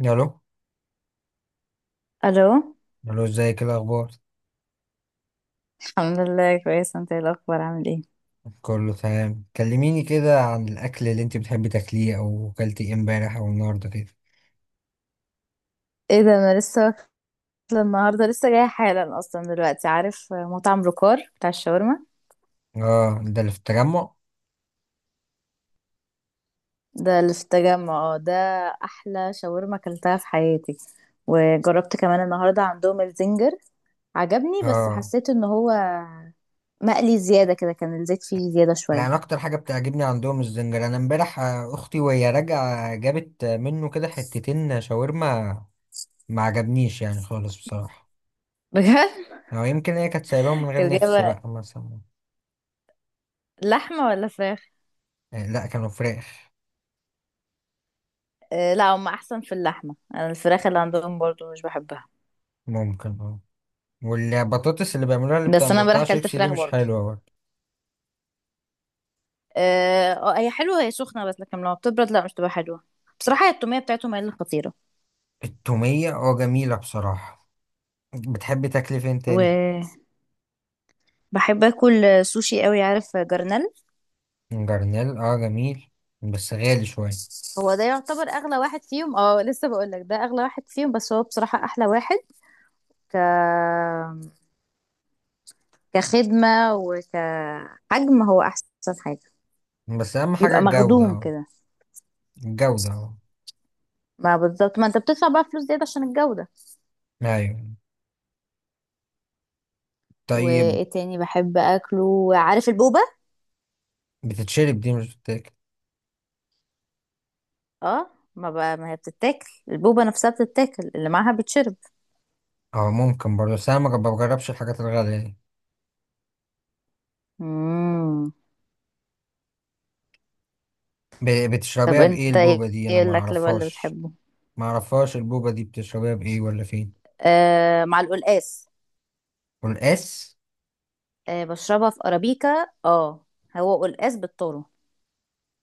الو. الو. الو، ازيك؟ إيه الاخبار؟ الحمد لله كويس، انت ايه الاخبار، عامل ايه؟ كله تمام. كلميني كده عن الاكل اللي انت بتحبي تاكليه، او اكلتي ايه امبارح او النهارده كده. ايه ده، انا لسه واكله النهارده، لسه جايه حالا اصلا دلوقتي. عارف مطعم روكار بتاع الشاورما؟ اه، ده اللي في التجمع. ده اللي في التجمع، اه ده. احلى شاورما اكلتها في حياتي. وجربت كمان النهارده عندهم الزنجر، عجبني بس اه، حسيت ان هو مقلي زياده كده، كان الزيت فيه زياده شويه. لا انا اكتر حاجه بتعجبني عندهم الزنجر. انا امبارح، اختي وهي راجعه جابت، منه كده حتتين شاورما. ما عجبنيش يعني خالص بصراحه. بجد. او يمكن هي كانت سايباهم من غير كانت نفس جايبه بقى مثلا. لحمه ولا فراخ؟ لا، كانوا فراخ. آه، لا هم احسن في اللحمه، انا الفراخ اللي عندهم برضو مش بحبها. ممكن اه. والبطاطس اللي بيعملوها اللي بس انا امبارح بتقطع اكلت شيبسي دي فراخ مش برضو. حلوه برضه. اه، هي حلوة، هي سخنة بس، لكن لما بتبرد لا مش تبقى حلوة. بصراحة هي التومية بتاعتهم هي اللي خطيرة. التومية اه جميلة بصراحة. بتحب تاكل فين تاني؟ وبحب اكل سوشي قوي، عارف جرنال. جرنيل اه جميل، بس غالي شوية. هو ده يعتبر اغلى واحد فيهم، اه لسه بقول لك ده اغلى واحد فيهم، بس هو بصراحة احلى واحد. ك كخدمة وكحجم هو احسن حاجة، بس أهم حاجة بيبقى الجودة مخدوم اه. كده. الجودة اه. ما بالظبط، ما انت بتدفع بقى فلوس زيادة عشان الجودة. أيوة. طيب. وايه تاني بحب اكله، عارف البوبة. بتتشرب دي، مش بتتاكل. اه، ما بقى ما هي بتتاكل، البوبة نفسها بتتاكل، اللي معاها بتشرب. اه، ممكن برضه، بس أنا ما بجربش الحاجات الغالية دي. مم. طب بتشربيها بإيه انت ايه، البوبة دي؟ أنا إيه ما الاكل بقى اللي أعرفهاش. بتحبه؟ ما أعرفهاش البوبة دي، بتشربيها بإيه ولا فين؟ آه، مع القلقاس. والقاس. آه، بشربها في ارابيكا، اه. هو قلقاس بالذرة.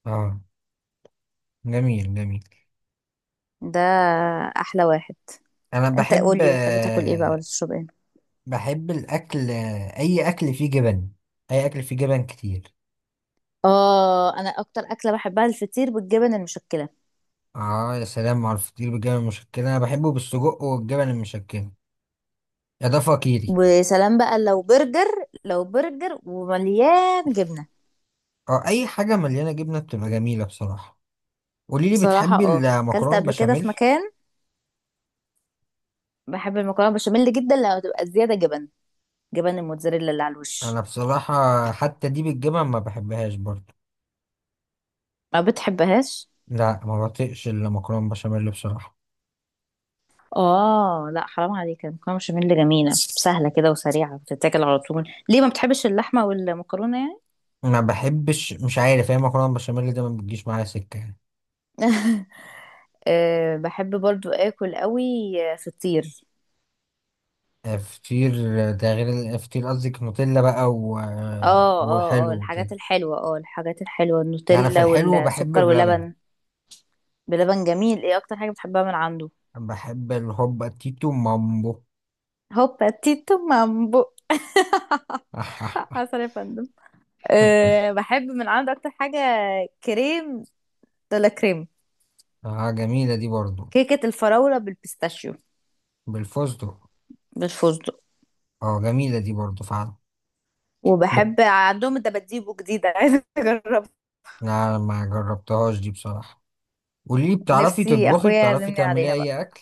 اه جميل جميل. ده احلى واحد. أنا انت بحب. قولي، بتحب تاكل ايه بقى ولا تشرب ايه؟ بحب الأكل. أي أكل فيه جبن. أي أكل فيه جبن كتير. اه، انا اكتر اكله بحبها الفطير بالجبن المشكله. آه، يا سلام على الفطير بالجبن المشكلة. أنا بحبه بالسجق والجبن المشكلة. يا ده فقيري. وسلام بقى لو برجر، لو برجر ومليان جبنه. أه، أي حاجة مليانة جبنة بتبقى جميلة بصراحة. قوليلي، صراحه بتحبي اه، اكلت المكرونة قبل كده في بشاميل؟ مكان، بحب المكرونه بشاميل جدا لو تبقى زياده جبن، جبن الموتزاريلا اللي على الوش. أنا بصراحة حتى دي بالجبن ما بحبهاش برضه. ما بتحبهاش؟ لا، ما بطيقش المكرونة بشاميل بصراحة. اه لا، حرام عليك، المكرونه بشاميل جميله، سهله كده وسريعه بتتاكل على طول، ليه ما بتحبش اللحمه والمكرونه يعني؟ ما بحبش، مش عارف، هي المكرونة بشاميل ده ما بتجيش معايا سكة. أه، بحب برضو اكل قوي، فطير. فطير. ده غير فطير قصدك نوتيلا بقى و... آه، اه، اه، وحلو اه، الحاجات وكده. الحلوه اه الحاجات الحلوه لا، انا في النوتيلا الحلو بحب والسكر بلبن. واللبن. بلبن جميل، ايه اكتر حاجه بتحبها من عنده؟ بحب الهوبا تيتو مامبو. هوبا تيتو مامبو. عسل يا فندم. أه، بحب من عنده اكتر حاجه، كريم دولا كريم. اه جميلة دي برضو. كيكه الفراوله بالبيستاشيو. بالفستق. بالفستق. اه جميلة دي برضو فعلا. بت... وبحب عندهم الدباديبو جديدة، عايزة اجربها. لا ما جربتهاش دي بصراحة. قولي، بتعرفي نفسي تطبخي؟ اخويا بتعرفي يعزمني تعملي عليها بقى. اي اكل؟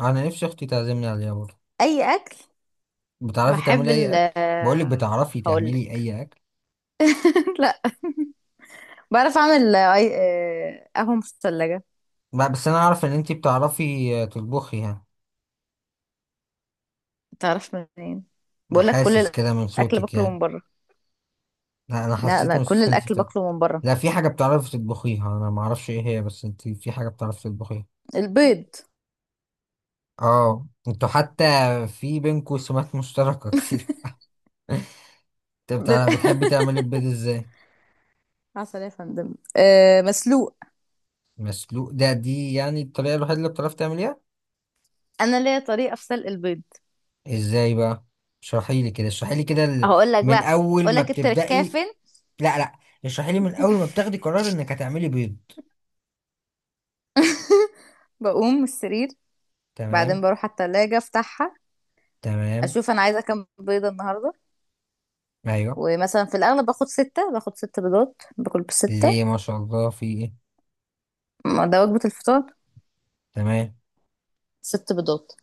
انا نفسي اختي تعزمني عليها برضو. اي اكل، بتعرفي بحب تعملي ال اي اكل؟ بقولك، آه، بتعرفي هقول تعملي لك. اي اكل؟ لا، بعرف اعمل قهوة مثلجة. لا، بس انا اعرف ان انتي بتعرفي تطبخي يعني. تعرف منين؟ انا بقول لك، كل حاسس كده من الاكل صوتك باكله يعني. من بره. لا، انا لا، حسيت لا، من كل صوتك إن انت الاكل باكله من بره. لا، في حاجه بتعرفي تطبخيها انا ما اعرفش ايه هي، بس انت في حاجه بتعرفي تطبخيها. البيض. اه، انتوا حتى في بينكوا سمات مشتركه كتير. انت ب- بتحبي تعملي البيض ازاي؟ عسل يا فندم. أه، مسلوق. مسلوق، ده دي يعني الطريقه الوحيده اللي بتعرفي تعمليها؟ انا ليا طريقه في سلق البيض. ازاي بقى؟ اشرحي لي كده، اشرحي لي كده هقول لك من بقى، اول اقول ما لك التركايه بتبدأي. فين. لا، اشرحي لي من اول ما بتاخدي قرار انك هتعملي بيض. بقوم من السرير، تمام. بعدين بروح على التلاجة افتحها، تمام. اشوف انا عايزه كام بيضه النهارده. ايوه. ومثلا في الاغلب باخد ست بيضات، باكل بستة. ليه؟ ما شاء الله، في ايه؟ ما ده وجبه الفطار. تمام. ست بيضات.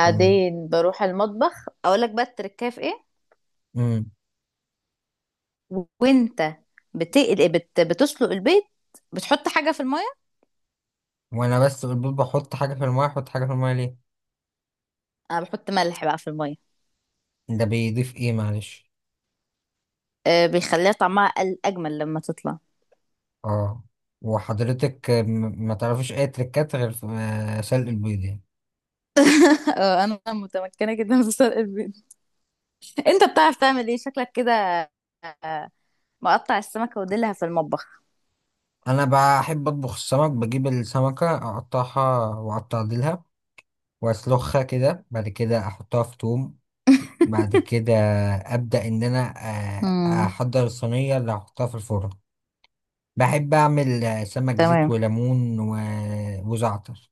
تمام. بروح المطبخ، اقول لك بقى التركايه في ايه. امم وانت بتسلق البيض، بتحط حاجه في الميه. وانا بس البيض بحط حاجه في المايه؟ احط حاجه في المايه ليه؟ انا بحط ملح بقى في الميه. ده بيضيف ايه معلش؟ أه، بيخليها طعمها اجمل لما تطلع. اه، وحضرتك ما تعرفيش اي تريكات غير في سلق البيض يعني؟ اه، انا متمكنه جدا في سلق البيض. انت بتعرف تعمل ايه شكلك كده؟ آه، مقطع السمكه وديلها في المطبخ. انا بحب اطبخ السمك. بجيب السمكه اقطعها واقطع ديلها، واسلخها كده، بعد كده احطها في توم، بعد كده ابدا ان انا آه، امم. احضر الصينيه اللي هحطها في الفرن. بحب اعمل سمك زيت تمام، وليمون وزعتر.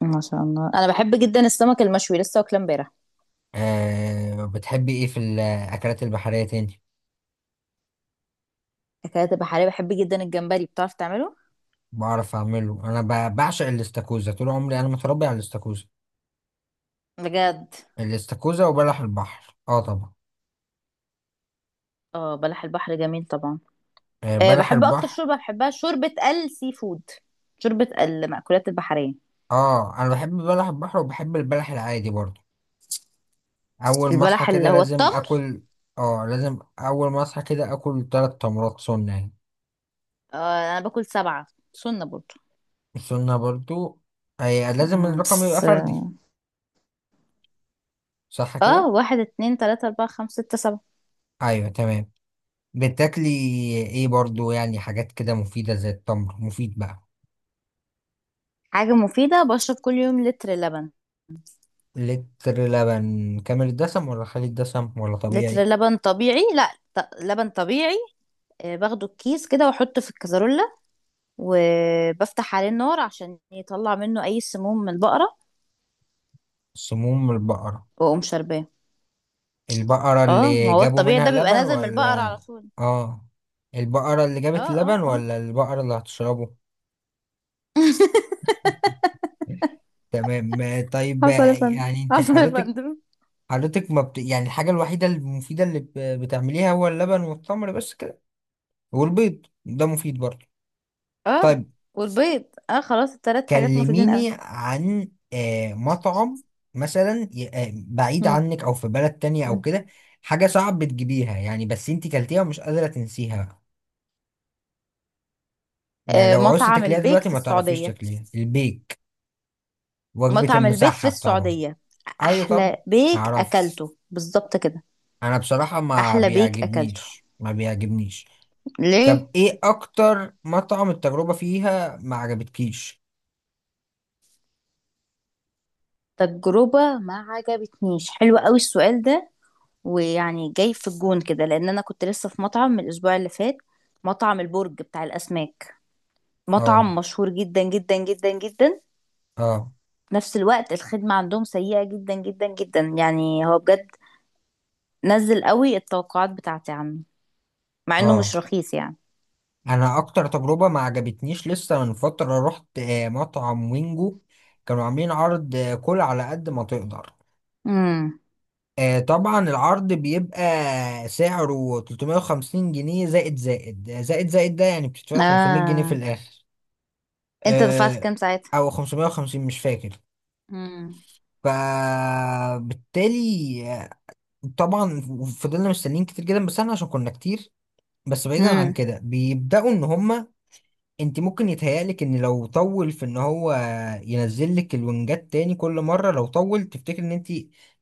ما شاء الله، انا بحب جدا السمك المشوي، لسه واكله امبارح. أه، بتحبي ايه في الاكلات البحريه تاني؟ اكلات بحريه، بحب جدا الجمبري، بتعرف تعمله؟ بعرف اعمله انا. بعشق الاستاكوزا طول عمري، انا متربي على الاستاكوزا. بجد. الاستاكوزا وبلح البحر اه طبعا. اه، بلح البحر جميل طبعا. أه، أه، بلح بحب اكتر البحر. شوربه بحبها شوربه السي فود، شوربه المأكولات البحريه. اه، انا بحب بلح البحر وبحب البلح العادي برضه. اول ما اصحى البلح اللي كده هو لازم التمر؟ اكل. اه، لازم اول ما اصحى كده اكل ثلاث تمرات سنه يعني. أه، انا باكل سبعه، سنه برضه. السنه برضه. أي لازم الرقم يبقى بس. فردي، صح اه، كده؟ واحد، اتنين، تلاته، اربعه، خمسه، سته، سبعه. ايوه تمام. بتاكلي ايه برضه يعني حاجات كده مفيده زي التمر مفيد بقى؟ حاجه مفيده، بشرب كل يوم لتر لبن. لتر لبن كامل الدسم ولا خالي الدسم ولا لتر طبيعي؟ لبن طبيعي، لا، لبن طبيعي. باخده الكيس كده واحطه في الكازرولة، وبفتح عليه النار عشان يطلع منه اي سموم من البقرة، سموم البقرة؟ واقوم شارباه. البقرة اه، ما اللي هو جابوا الطبيعي منها ده بيبقى اللبن نازل من البقرة ولا؟ على طول. اه، البقرة اللي اه، جابت اللبن اه، اه. ولا البقرة اللي هتشربه؟ تمام. طيب، حصل يا فندم. يعني انت حصل يا حضرتك، فندم. حضرتك ما بت... يعني الحاجة الوحيدة المفيدة اللي بتعمليها هو اللبن والتمر بس كده والبيض ده مفيد برضه؟ اه، طيب. والبيض. اه، خلاص التلات حاجات مفيدين قوي. كلميني عن مطعم مثلا، بعيد عنك او في بلد تانية او مم. كده. حاجة صعب بتجيبيها يعني، بس انتي كلتيها ومش قادرة تنسيها بقى. يعني آه، لو عوزتي مطعم تاكليها البيك دلوقتي في ما تعرفيش السعودية. تاكليها. البيك. وجبة مطعم البيك في المسحب طبعا. السعودية. ايوه. طب، أحلى بيك تعرف، أكلته، بالظبط كده. انا بصراحة ما أحلى بيك أكلته. بيعجبنيش ما بيعجبنيش طب ليه؟ ايه اكتر مطعم التجربة فيها ما عجبتكيش؟ تجربة ما عجبتنيش، حلو قوي السؤال ده. ويعني جاي في الجون كده، لان انا كنت لسه في مطعم من الاسبوع اللي فات. مطعم البرج بتاع الاسماك، مطعم اه مشهور جدا جدا جدا جدا. اه في نفس الوقت الخدمة عندهم سيئة جدا جدا جدا، يعني هو بجد نزل قوي التوقعات بتاعتي عنه، مع انه اه مش رخيص يعني. انا اكتر تجربه ما عجبتنيش لسه من فتره رحت مطعم وينجو. كانوا عاملين عرض كل على قد ما تقدر. امم. طبعا العرض بيبقى سعره 350 جنيه زائد زائد زائد زائد، ده يعني بتدفع 500 جنيه في اه، الاخر. انت دفعت آه، كام ساعتها؟ او 550، مش فاكر. امم. فبالتالي طبعا فضلنا مستنيين كتير جدا بس احنا عشان كنا كتير. بس بعيدا عن امم كده، بيبداوا ان هما، انت ممكن يتهيألك ان لو طول، في ان هو ينزل لك الونجات تاني كل مره لو طول تفتكر ان انت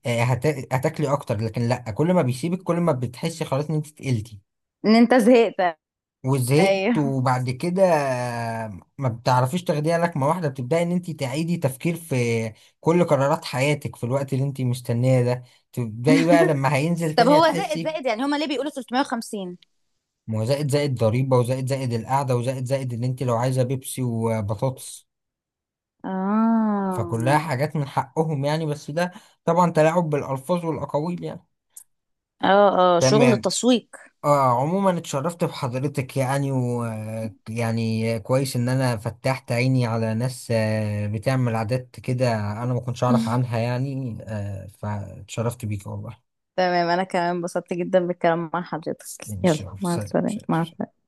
آه، هت- هتاكلي اكتر، لكن لا. كل ما بيسيبك كل ما بتحسي خلاص ان انت تقلتي ان انت زهقت. ايوه. وزهقت، وبعد كده ما بتعرفيش تاخديها لكمه واحده، بتبداي ان انت تعيدي تفكير في كل قرارات حياتك في الوقت اللي انت مستنيه ده. تبداي بقى لما هينزل طب تاني هو زائد هتحسي. زائد، يعني هما ليه بيقولوا 350؟ ما هو زائد زائد ضريبه، وزائد زائد القعده، وزائد زائد ان انت لو عايزه بيبسي وبطاطس. اه، فكلها حاجات من حقهم يعني، بس ده طبعا تلاعب بالألفاظ والأقاويل يعني. اه، اه، شغل تمام. تسويق. آه، عموما اتشرفت بحضرتك يعني، و يعني كويس إن أنا فتحت عيني على ناس بتعمل عادات كده أنا ما كنتش أعرف عنها يعني. آه، فاتشرفت بيك والله. تمام، انا كمان انبسطت جدا بالكلام مع حضرتك. إن شاء يلا، الله. مع سلام السلامة، مع سلام. السلامة.